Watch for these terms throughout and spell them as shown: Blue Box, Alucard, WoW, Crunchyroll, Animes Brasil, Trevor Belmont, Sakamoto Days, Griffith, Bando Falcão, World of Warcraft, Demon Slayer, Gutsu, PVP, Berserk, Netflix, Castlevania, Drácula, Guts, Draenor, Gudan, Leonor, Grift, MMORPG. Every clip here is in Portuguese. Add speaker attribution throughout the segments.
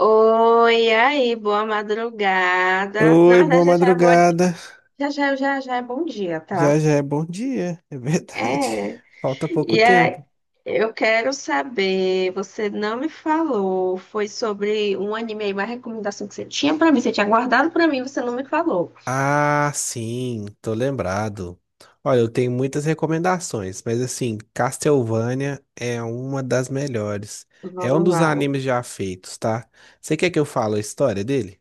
Speaker 1: Oi, e aí, boa madrugada. Na
Speaker 2: Oi, boa
Speaker 1: verdade, já já é, boa-
Speaker 2: madrugada.
Speaker 1: já, já, já, já é bom dia,
Speaker 2: Já
Speaker 1: tá?
Speaker 2: já é bom dia, é verdade.
Speaker 1: É.
Speaker 2: Falta pouco
Speaker 1: E aí,
Speaker 2: tempo.
Speaker 1: eu quero saber, você não me falou, foi sobre um anime aí, uma recomendação que você tinha pra mim, você tinha guardado pra mim, você não me falou.
Speaker 2: Ah, sim, tô lembrado. Olha, eu tenho muitas recomendações, mas assim, Castlevania é uma das melhores. É um
Speaker 1: Vamos
Speaker 2: dos
Speaker 1: lá.
Speaker 2: animes já feitos, tá? Você quer que eu fale a história dele?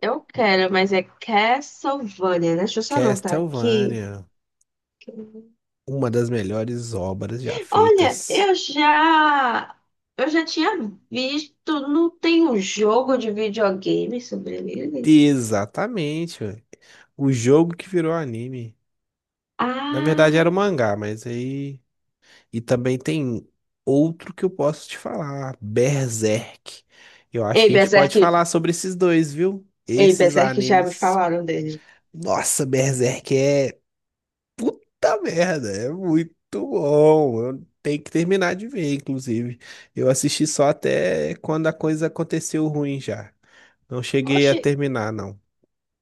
Speaker 1: Eu quero, mas é Castlevania, né? Deixa eu só anotar aqui.
Speaker 2: Castlevania, uma das melhores obras já
Speaker 1: Olha,
Speaker 2: feitas.
Speaker 1: eu já tinha visto, não tem um jogo de videogame sobre ele?
Speaker 2: Exatamente, ué. O jogo que virou anime. Na verdade
Speaker 1: Ah,
Speaker 2: era um mangá, mas aí e também tem outro que eu posso te falar, Berserk. Eu acho
Speaker 1: ei,
Speaker 2: que a gente
Speaker 1: Berserk,
Speaker 2: pode falar sobre esses dois, viu?
Speaker 1: ei,
Speaker 2: Esses
Speaker 1: Berserk já me
Speaker 2: animes.
Speaker 1: falaram dele.
Speaker 2: Nossa, Berserk é puta merda, é muito bom. Eu tenho que terminar de ver, inclusive. Eu assisti só até quando a coisa aconteceu ruim já. Não cheguei a
Speaker 1: Oxe,
Speaker 2: terminar, não.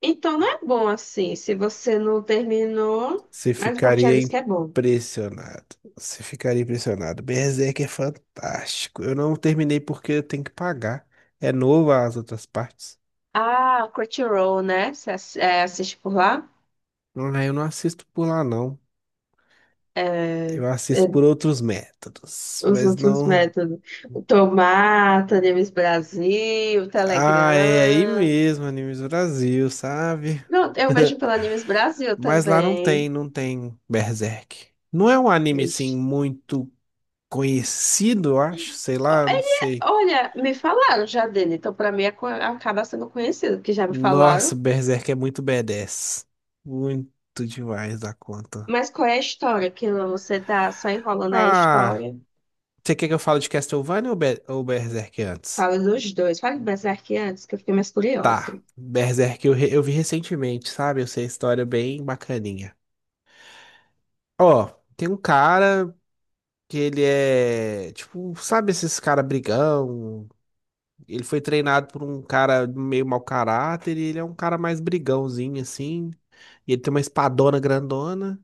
Speaker 1: então não é bom assim, se você não terminou,
Speaker 2: Você
Speaker 1: mas o povo já
Speaker 2: ficaria
Speaker 1: disse que é bom.
Speaker 2: impressionado. Você ficaria impressionado. Berserk é fantástico. Eu não terminei porque eu tenho que pagar. É novo as outras partes.
Speaker 1: Ah, Crunchyroll, né? Você é, assiste por lá?
Speaker 2: Ah, eu não assisto por lá, não.
Speaker 1: É,
Speaker 2: Eu
Speaker 1: é,
Speaker 2: assisto por outros métodos.
Speaker 1: os
Speaker 2: Mas
Speaker 1: últimos
Speaker 2: não.
Speaker 1: métodos. O Tomata, Animes Brasil,
Speaker 2: Ah, é aí
Speaker 1: Telegram.
Speaker 2: mesmo, Animes Brasil, sabe?
Speaker 1: Não, eu vejo pela Animes Brasil
Speaker 2: Mas lá não tem,
Speaker 1: também.
Speaker 2: não tem Berserk. Não é um anime,
Speaker 1: Ixi.
Speaker 2: assim, muito conhecido, eu acho. Sei
Speaker 1: Ó,
Speaker 2: lá, eu
Speaker 1: Ele,
Speaker 2: não sei.
Speaker 1: olha, me falaram já dele, então pra mim é acaba sendo conhecido, porque já me
Speaker 2: Nossa,
Speaker 1: falaram.
Speaker 2: Berserk é muito badass. Muito demais da conta.
Speaker 1: Mas qual é a história? Que você tá só enrolando aí a
Speaker 2: Ah,
Speaker 1: história?
Speaker 2: você quer que eu fale de Castlevania ou, ou Berserk antes?
Speaker 1: Fala dos dois. Fala do Berserk antes, que eu fiquei mais curiosa.
Speaker 2: Tá, Berserk eu vi recentemente, sabe? Eu sei a história bem bacaninha. Ó, tem um cara que ele é, tipo, sabe esses cara brigão? Ele foi treinado por um cara meio mau caráter e ele é um cara mais brigãozinho, assim. E ele tem uma espadona grandona.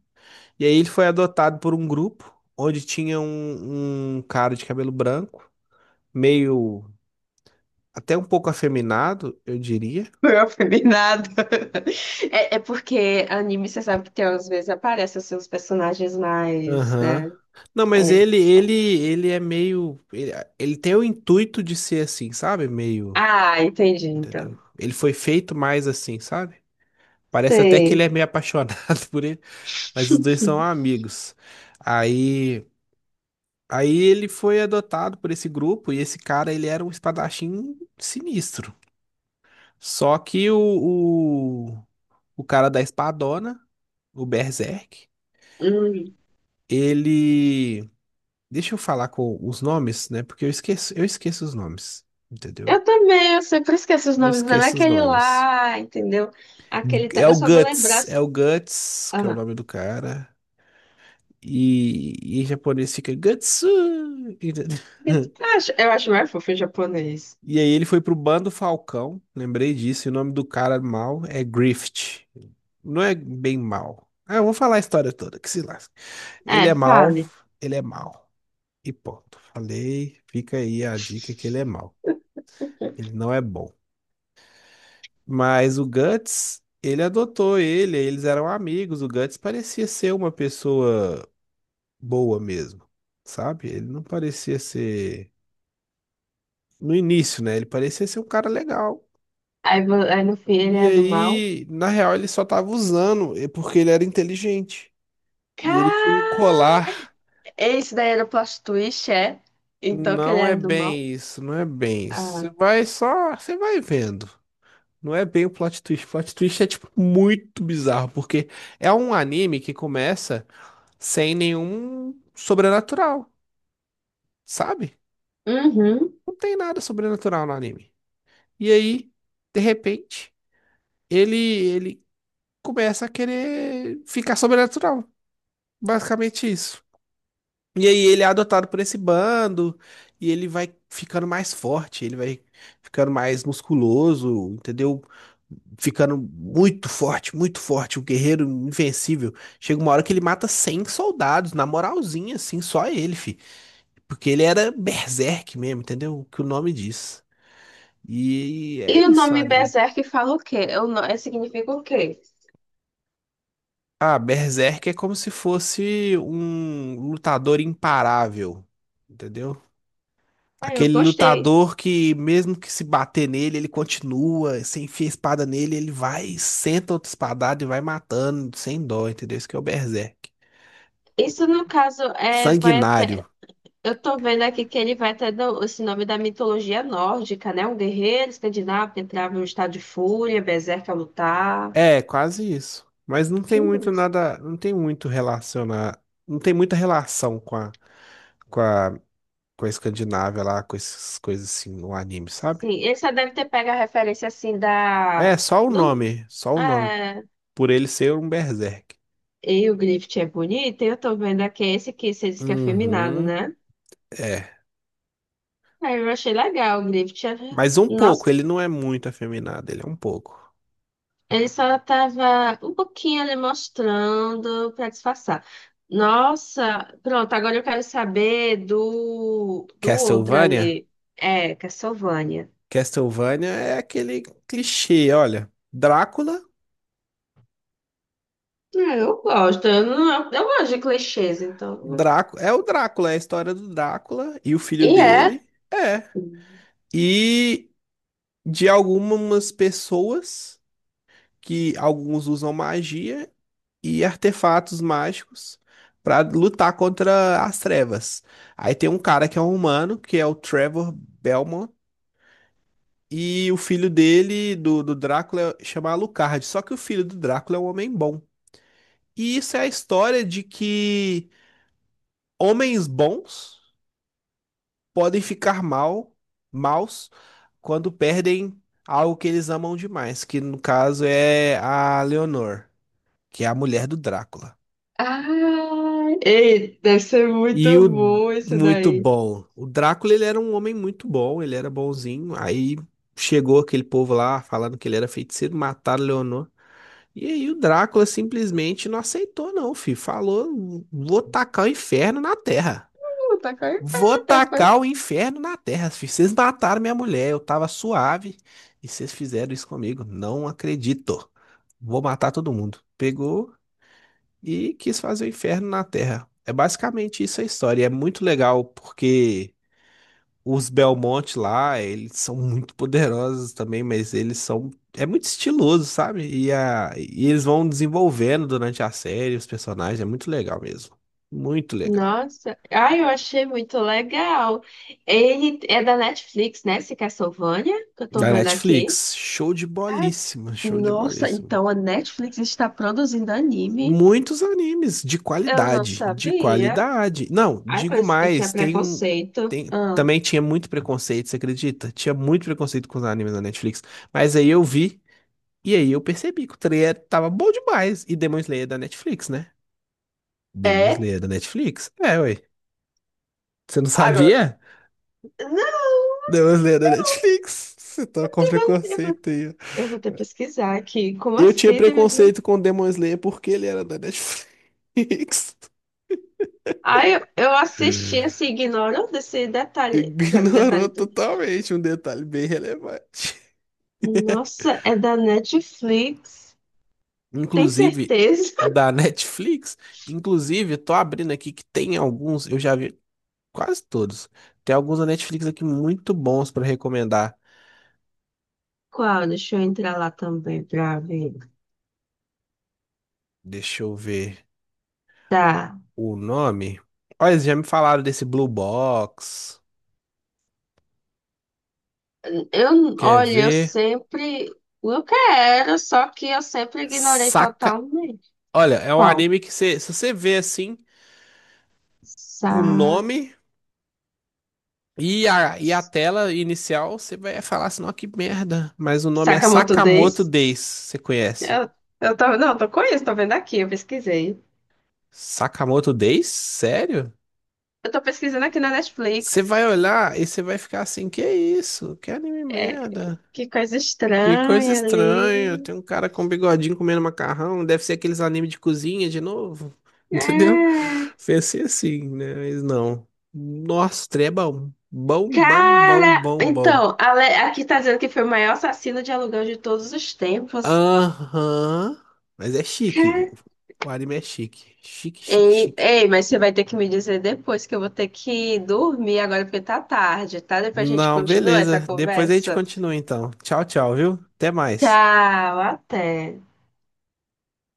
Speaker 2: E aí ele foi adotado por um grupo onde tinha um cara de cabelo branco, meio até um pouco afeminado, eu diria.
Speaker 1: Não aprendi nada. É, é porque anime, você sabe que tem, às vezes aparecem assim, os personagens mais,
Speaker 2: Aham.
Speaker 1: né?
Speaker 2: Não, mas
Speaker 1: É.
Speaker 2: ele é meio ele, ele tem o intuito de ser assim, sabe? Meio,
Speaker 1: Ah, entendi,
Speaker 2: entendeu?
Speaker 1: então.
Speaker 2: Ele foi feito mais assim, sabe? Parece até que ele
Speaker 1: Sei.
Speaker 2: é meio apaixonado por ele, mas os dois são amigos. Aí aí ele foi adotado por esse grupo e esse cara ele era um espadachim sinistro. Só que o cara da espadona, o Berserk, ele. Deixa eu falar com os nomes, né? Porque eu esqueço os nomes, entendeu?
Speaker 1: Eu também, eu sempre esqueço os
Speaker 2: Eu
Speaker 1: nomes, não é
Speaker 2: esqueço os
Speaker 1: aquele
Speaker 2: nomes.
Speaker 1: lá, entendeu? Aquele. Eu só vou lembrar.
Speaker 2: É
Speaker 1: Se-
Speaker 2: o Guts, que é o
Speaker 1: Ah,
Speaker 2: nome do cara. E em japonês fica Gutsu! Entendeu?
Speaker 1: eu acho mais fofo em japonês.
Speaker 2: E aí ele foi pro Bando Falcão, lembrei disso, e o nome do cara mal é Grift. Não é bem mal. Ah, eu vou falar a história toda, que se lá.
Speaker 1: É,
Speaker 2: Ele é mal,
Speaker 1: fale.
Speaker 2: ele é mal. E ponto. Falei, fica aí a dica que ele é mal. Ele não é bom. Mas o Guts, ele adotou ele, eles eram amigos. O Guts parecia ser uma pessoa boa mesmo, sabe? Ele não parecia ser. No início, né? Ele parecia ser um cara legal.
Speaker 1: Aí, aí no fim ele
Speaker 2: E
Speaker 1: é do mal.
Speaker 2: aí, na real, ele só tava usando, é porque ele era inteligente. E ele tinha um
Speaker 1: Cara!
Speaker 2: colar.
Speaker 1: Esse daí era o plot twist, é? Então que ele era do mal.
Speaker 2: Não é bem isso. Você
Speaker 1: Ah.
Speaker 2: vai só, você vai vendo. Não é bem o plot twist. O plot twist é, tipo, muito bizarro, porque é um anime que começa sem nenhum sobrenatural, sabe?
Speaker 1: Uhum.
Speaker 2: Não tem nada sobrenatural no anime. E aí, de repente, ele começa a querer ficar sobrenatural. Basicamente isso. E aí ele é adotado por esse bando e ele vai ficando mais forte, ele vai ficando mais musculoso, entendeu? Ficando muito forte, um guerreiro invencível. Chega uma hora que ele mata 100 soldados, na moralzinha, assim, só ele, fi. Porque ele era berserk mesmo, entendeu? O que o nome diz. E
Speaker 1: E
Speaker 2: é
Speaker 1: o
Speaker 2: isso, o
Speaker 1: nome
Speaker 2: anime.
Speaker 1: Berserk fala o quê? Eu, significa o quê?
Speaker 2: Ah, berserk é como se fosse um lutador imparável, entendeu?
Speaker 1: Ah, eu
Speaker 2: Aquele
Speaker 1: gostei.
Speaker 2: lutador que, mesmo que se bater nele, ele continua. Você enfia a espada nele, ele vai, senta outra espadada e vai matando, sem dó, entendeu? Isso que é o Berserk.
Speaker 1: Isso, no caso, é, vai
Speaker 2: Sanguinário.
Speaker 1: até. Eu tô vendo aqui que ele vai ter esse nome da mitologia nórdica, né? Um guerreiro escandinavo que entrava em um estado de fúria, berserk a lutar.
Speaker 2: É, quase isso. Mas não tem
Speaker 1: Que
Speaker 2: muito
Speaker 1: mais?
Speaker 2: nada. Não tem muito relacionar. Não tem muita relação com com a, com a Escandinávia lá, com essas coisas assim no anime, sabe?
Speaker 1: Sim, ele só deve ter pego a referência assim da.
Speaker 2: É, só o
Speaker 1: Do...
Speaker 2: nome. Só o nome.
Speaker 1: É...
Speaker 2: Por ele ser um Berserk.
Speaker 1: E o Griffith é bonito, e eu tô vendo aqui esse que você disse que é afeminado,
Speaker 2: Uhum.
Speaker 1: né?
Speaker 2: É.
Speaker 1: Aí eu achei legal o Griffith. É-
Speaker 2: Mas um
Speaker 1: Nossa,
Speaker 2: pouco, ele não é muito afeminado, ele é um pouco.
Speaker 1: ele só estava um pouquinho ali mostrando para disfarçar. Nossa, pronto, agora eu quero saber do outro
Speaker 2: Castlevania?
Speaker 1: ali. É, Castlevania.
Speaker 2: Castlevania é aquele clichê, olha.
Speaker 1: É, não, eu gosto de clichês, então.
Speaker 2: É o Drácula, é a história do Drácula e o filho
Speaker 1: E é.
Speaker 2: dele. É. E de algumas pessoas que alguns usam magia e artefatos mágicos pra lutar contra as trevas. Aí tem um cara que é um humano, que é o Trevor Belmont. E o filho dele, do Drácula, chama Alucard. Só que o filho do Drácula é um homem bom. E isso é a história de que homens bons podem ficar mal, maus quando perdem algo que eles amam demais, que no caso é a Leonor, que é a mulher do Drácula.
Speaker 1: Ah, ei, deve ser muito
Speaker 2: E o
Speaker 1: bom esse
Speaker 2: muito
Speaker 1: daí.
Speaker 2: bom. O Drácula, ele era um homem muito bom, ele era bonzinho. Aí chegou aquele povo lá falando que ele era feiticeiro, mataram Leonor. E aí o Drácula simplesmente não aceitou, não, filho. Falou, vou tacar o inferno na terra.
Speaker 1: Tá com a
Speaker 2: Vou
Speaker 1: cara.
Speaker 2: tacar o inferno na terra, filho. Vocês mataram minha mulher, eu tava suave e vocês fizeram isso comigo. Não acredito. Vou matar todo mundo. Pegou e quis fazer o inferno na terra. É basicamente isso a história. E é muito legal porque os Belmont lá, eles são muito poderosos também, mas eles são. É muito estiloso, sabe? E, a... e eles vão desenvolvendo durante a série os personagens, é muito legal mesmo. Muito legal.
Speaker 1: Nossa, ai, eu achei muito legal. Ele é da Netflix, né? Esse Castlevania, que eu tô
Speaker 2: Da
Speaker 1: vendo aqui.
Speaker 2: Netflix, show de
Speaker 1: Ah,
Speaker 2: bolíssima, show de
Speaker 1: nossa,
Speaker 2: bolíssima.
Speaker 1: então a Netflix está produzindo anime?
Speaker 2: Muitos animes
Speaker 1: Eu não
Speaker 2: de
Speaker 1: sabia.
Speaker 2: qualidade. Não,
Speaker 1: Ai,
Speaker 2: digo
Speaker 1: mas eu tinha
Speaker 2: mais, tem um.
Speaker 1: preconceito.
Speaker 2: Tem...
Speaker 1: Ah,
Speaker 2: Também tinha muito preconceito, você acredita? Tinha muito preconceito com os animes da Netflix. Mas aí eu vi. E aí eu percebi que o trailer tava bom demais. E Demon Slayer é da Netflix, né? Demon
Speaker 1: é?
Speaker 2: Slayer é da Netflix? É, ué. Você não
Speaker 1: Agora,
Speaker 2: sabia?
Speaker 1: não,
Speaker 2: Demon Slayer é da Netflix. Você tá com
Speaker 1: eu vou, eu vou
Speaker 2: preconceito aí. Ó.
Speaker 1: eu vou ter que pesquisar aqui. Como
Speaker 2: Eu tinha
Speaker 1: assim? Tem pesquisa?
Speaker 2: preconceito com Demon Slayer porque ele era da Netflix.
Speaker 1: Ai, eu assisti assim, ignorando esse detalhe. Pra mim,
Speaker 2: Ignorou
Speaker 1: detalhe tudo.
Speaker 2: totalmente um detalhe bem relevante.
Speaker 1: Nossa, é da Netflix. Tem
Speaker 2: Inclusive,
Speaker 1: certeza?
Speaker 2: da Netflix. Inclusive, tô abrindo aqui que tem alguns, eu já vi quase todos. Tem alguns da Netflix aqui muito bons pra recomendar.
Speaker 1: Qual? Deixa eu entrar lá também pra ver.
Speaker 2: Deixa eu ver
Speaker 1: Tá.
Speaker 2: o nome. Olha, eles já me falaram desse Blue Box.
Speaker 1: Eu,
Speaker 2: Quer
Speaker 1: olha, eu
Speaker 2: ver?
Speaker 1: sempre. Eu quero, só que eu sempre ignorei
Speaker 2: Saca.
Speaker 1: totalmente.
Speaker 2: Olha, é um
Speaker 1: Qual?
Speaker 2: anime que você, se você vê assim
Speaker 1: Sa...
Speaker 2: o nome e a tela inicial, você vai falar assim, não, que merda. Mas o nome é
Speaker 1: Sakamoto
Speaker 2: Sakamoto
Speaker 1: Days?
Speaker 2: Days. Você conhece?
Speaker 1: Eu, eu tô, não, tô com isso, tô vendo aqui, eu pesquisei.
Speaker 2: Sakamoto Days? Sério?
Speaker 1: Eu tô pesquisando aqui na
Speaker 2: Você
Speaker 1: Netflix.
Speaker 2: vai olhar e você vai ficar assim, que isso? Que anime
Speaker 1: É,
Speaker 2: merda.
Speaker 1: que coisa
Speaker 2: Que coisa
Speaker 1: estranha ali.
Speaker 2: estranha. Tem um cara com um bigodinho comendo macarrão. Deve ser aqueles animes de cozinha de novo. Entendeu?
Speaker 1: É.
Speaker 2: Pensei assim, né? Mas não. Nossa, trem é bom. Bom, bom, bom,
Speaker 1: Cara!
Speaker 2: bom, bom.
Speaker 1: Então, aqui tá dizendo que foi o maior assassino de aluguel de todos os tempos.
Speaker 2: Aham. Mas é chique. O anime é chique. Chique, chique,
Speaker 1: Ei,
Speaker 2: chique.
Speaker 1: ei, mas você vai ter que me dizer depois que eu vou ter que dormir agora porque tá tarde, tá? Depois a gente
Speaker 2: Não,
Speaker 1: continua essa
Speaker 2: beleza. Depois a gente
Speaker 1: conversa.
Speaker 2: continua então. Tchau, tchau, viu? Até mais.
Speaker 1: Tchau, até.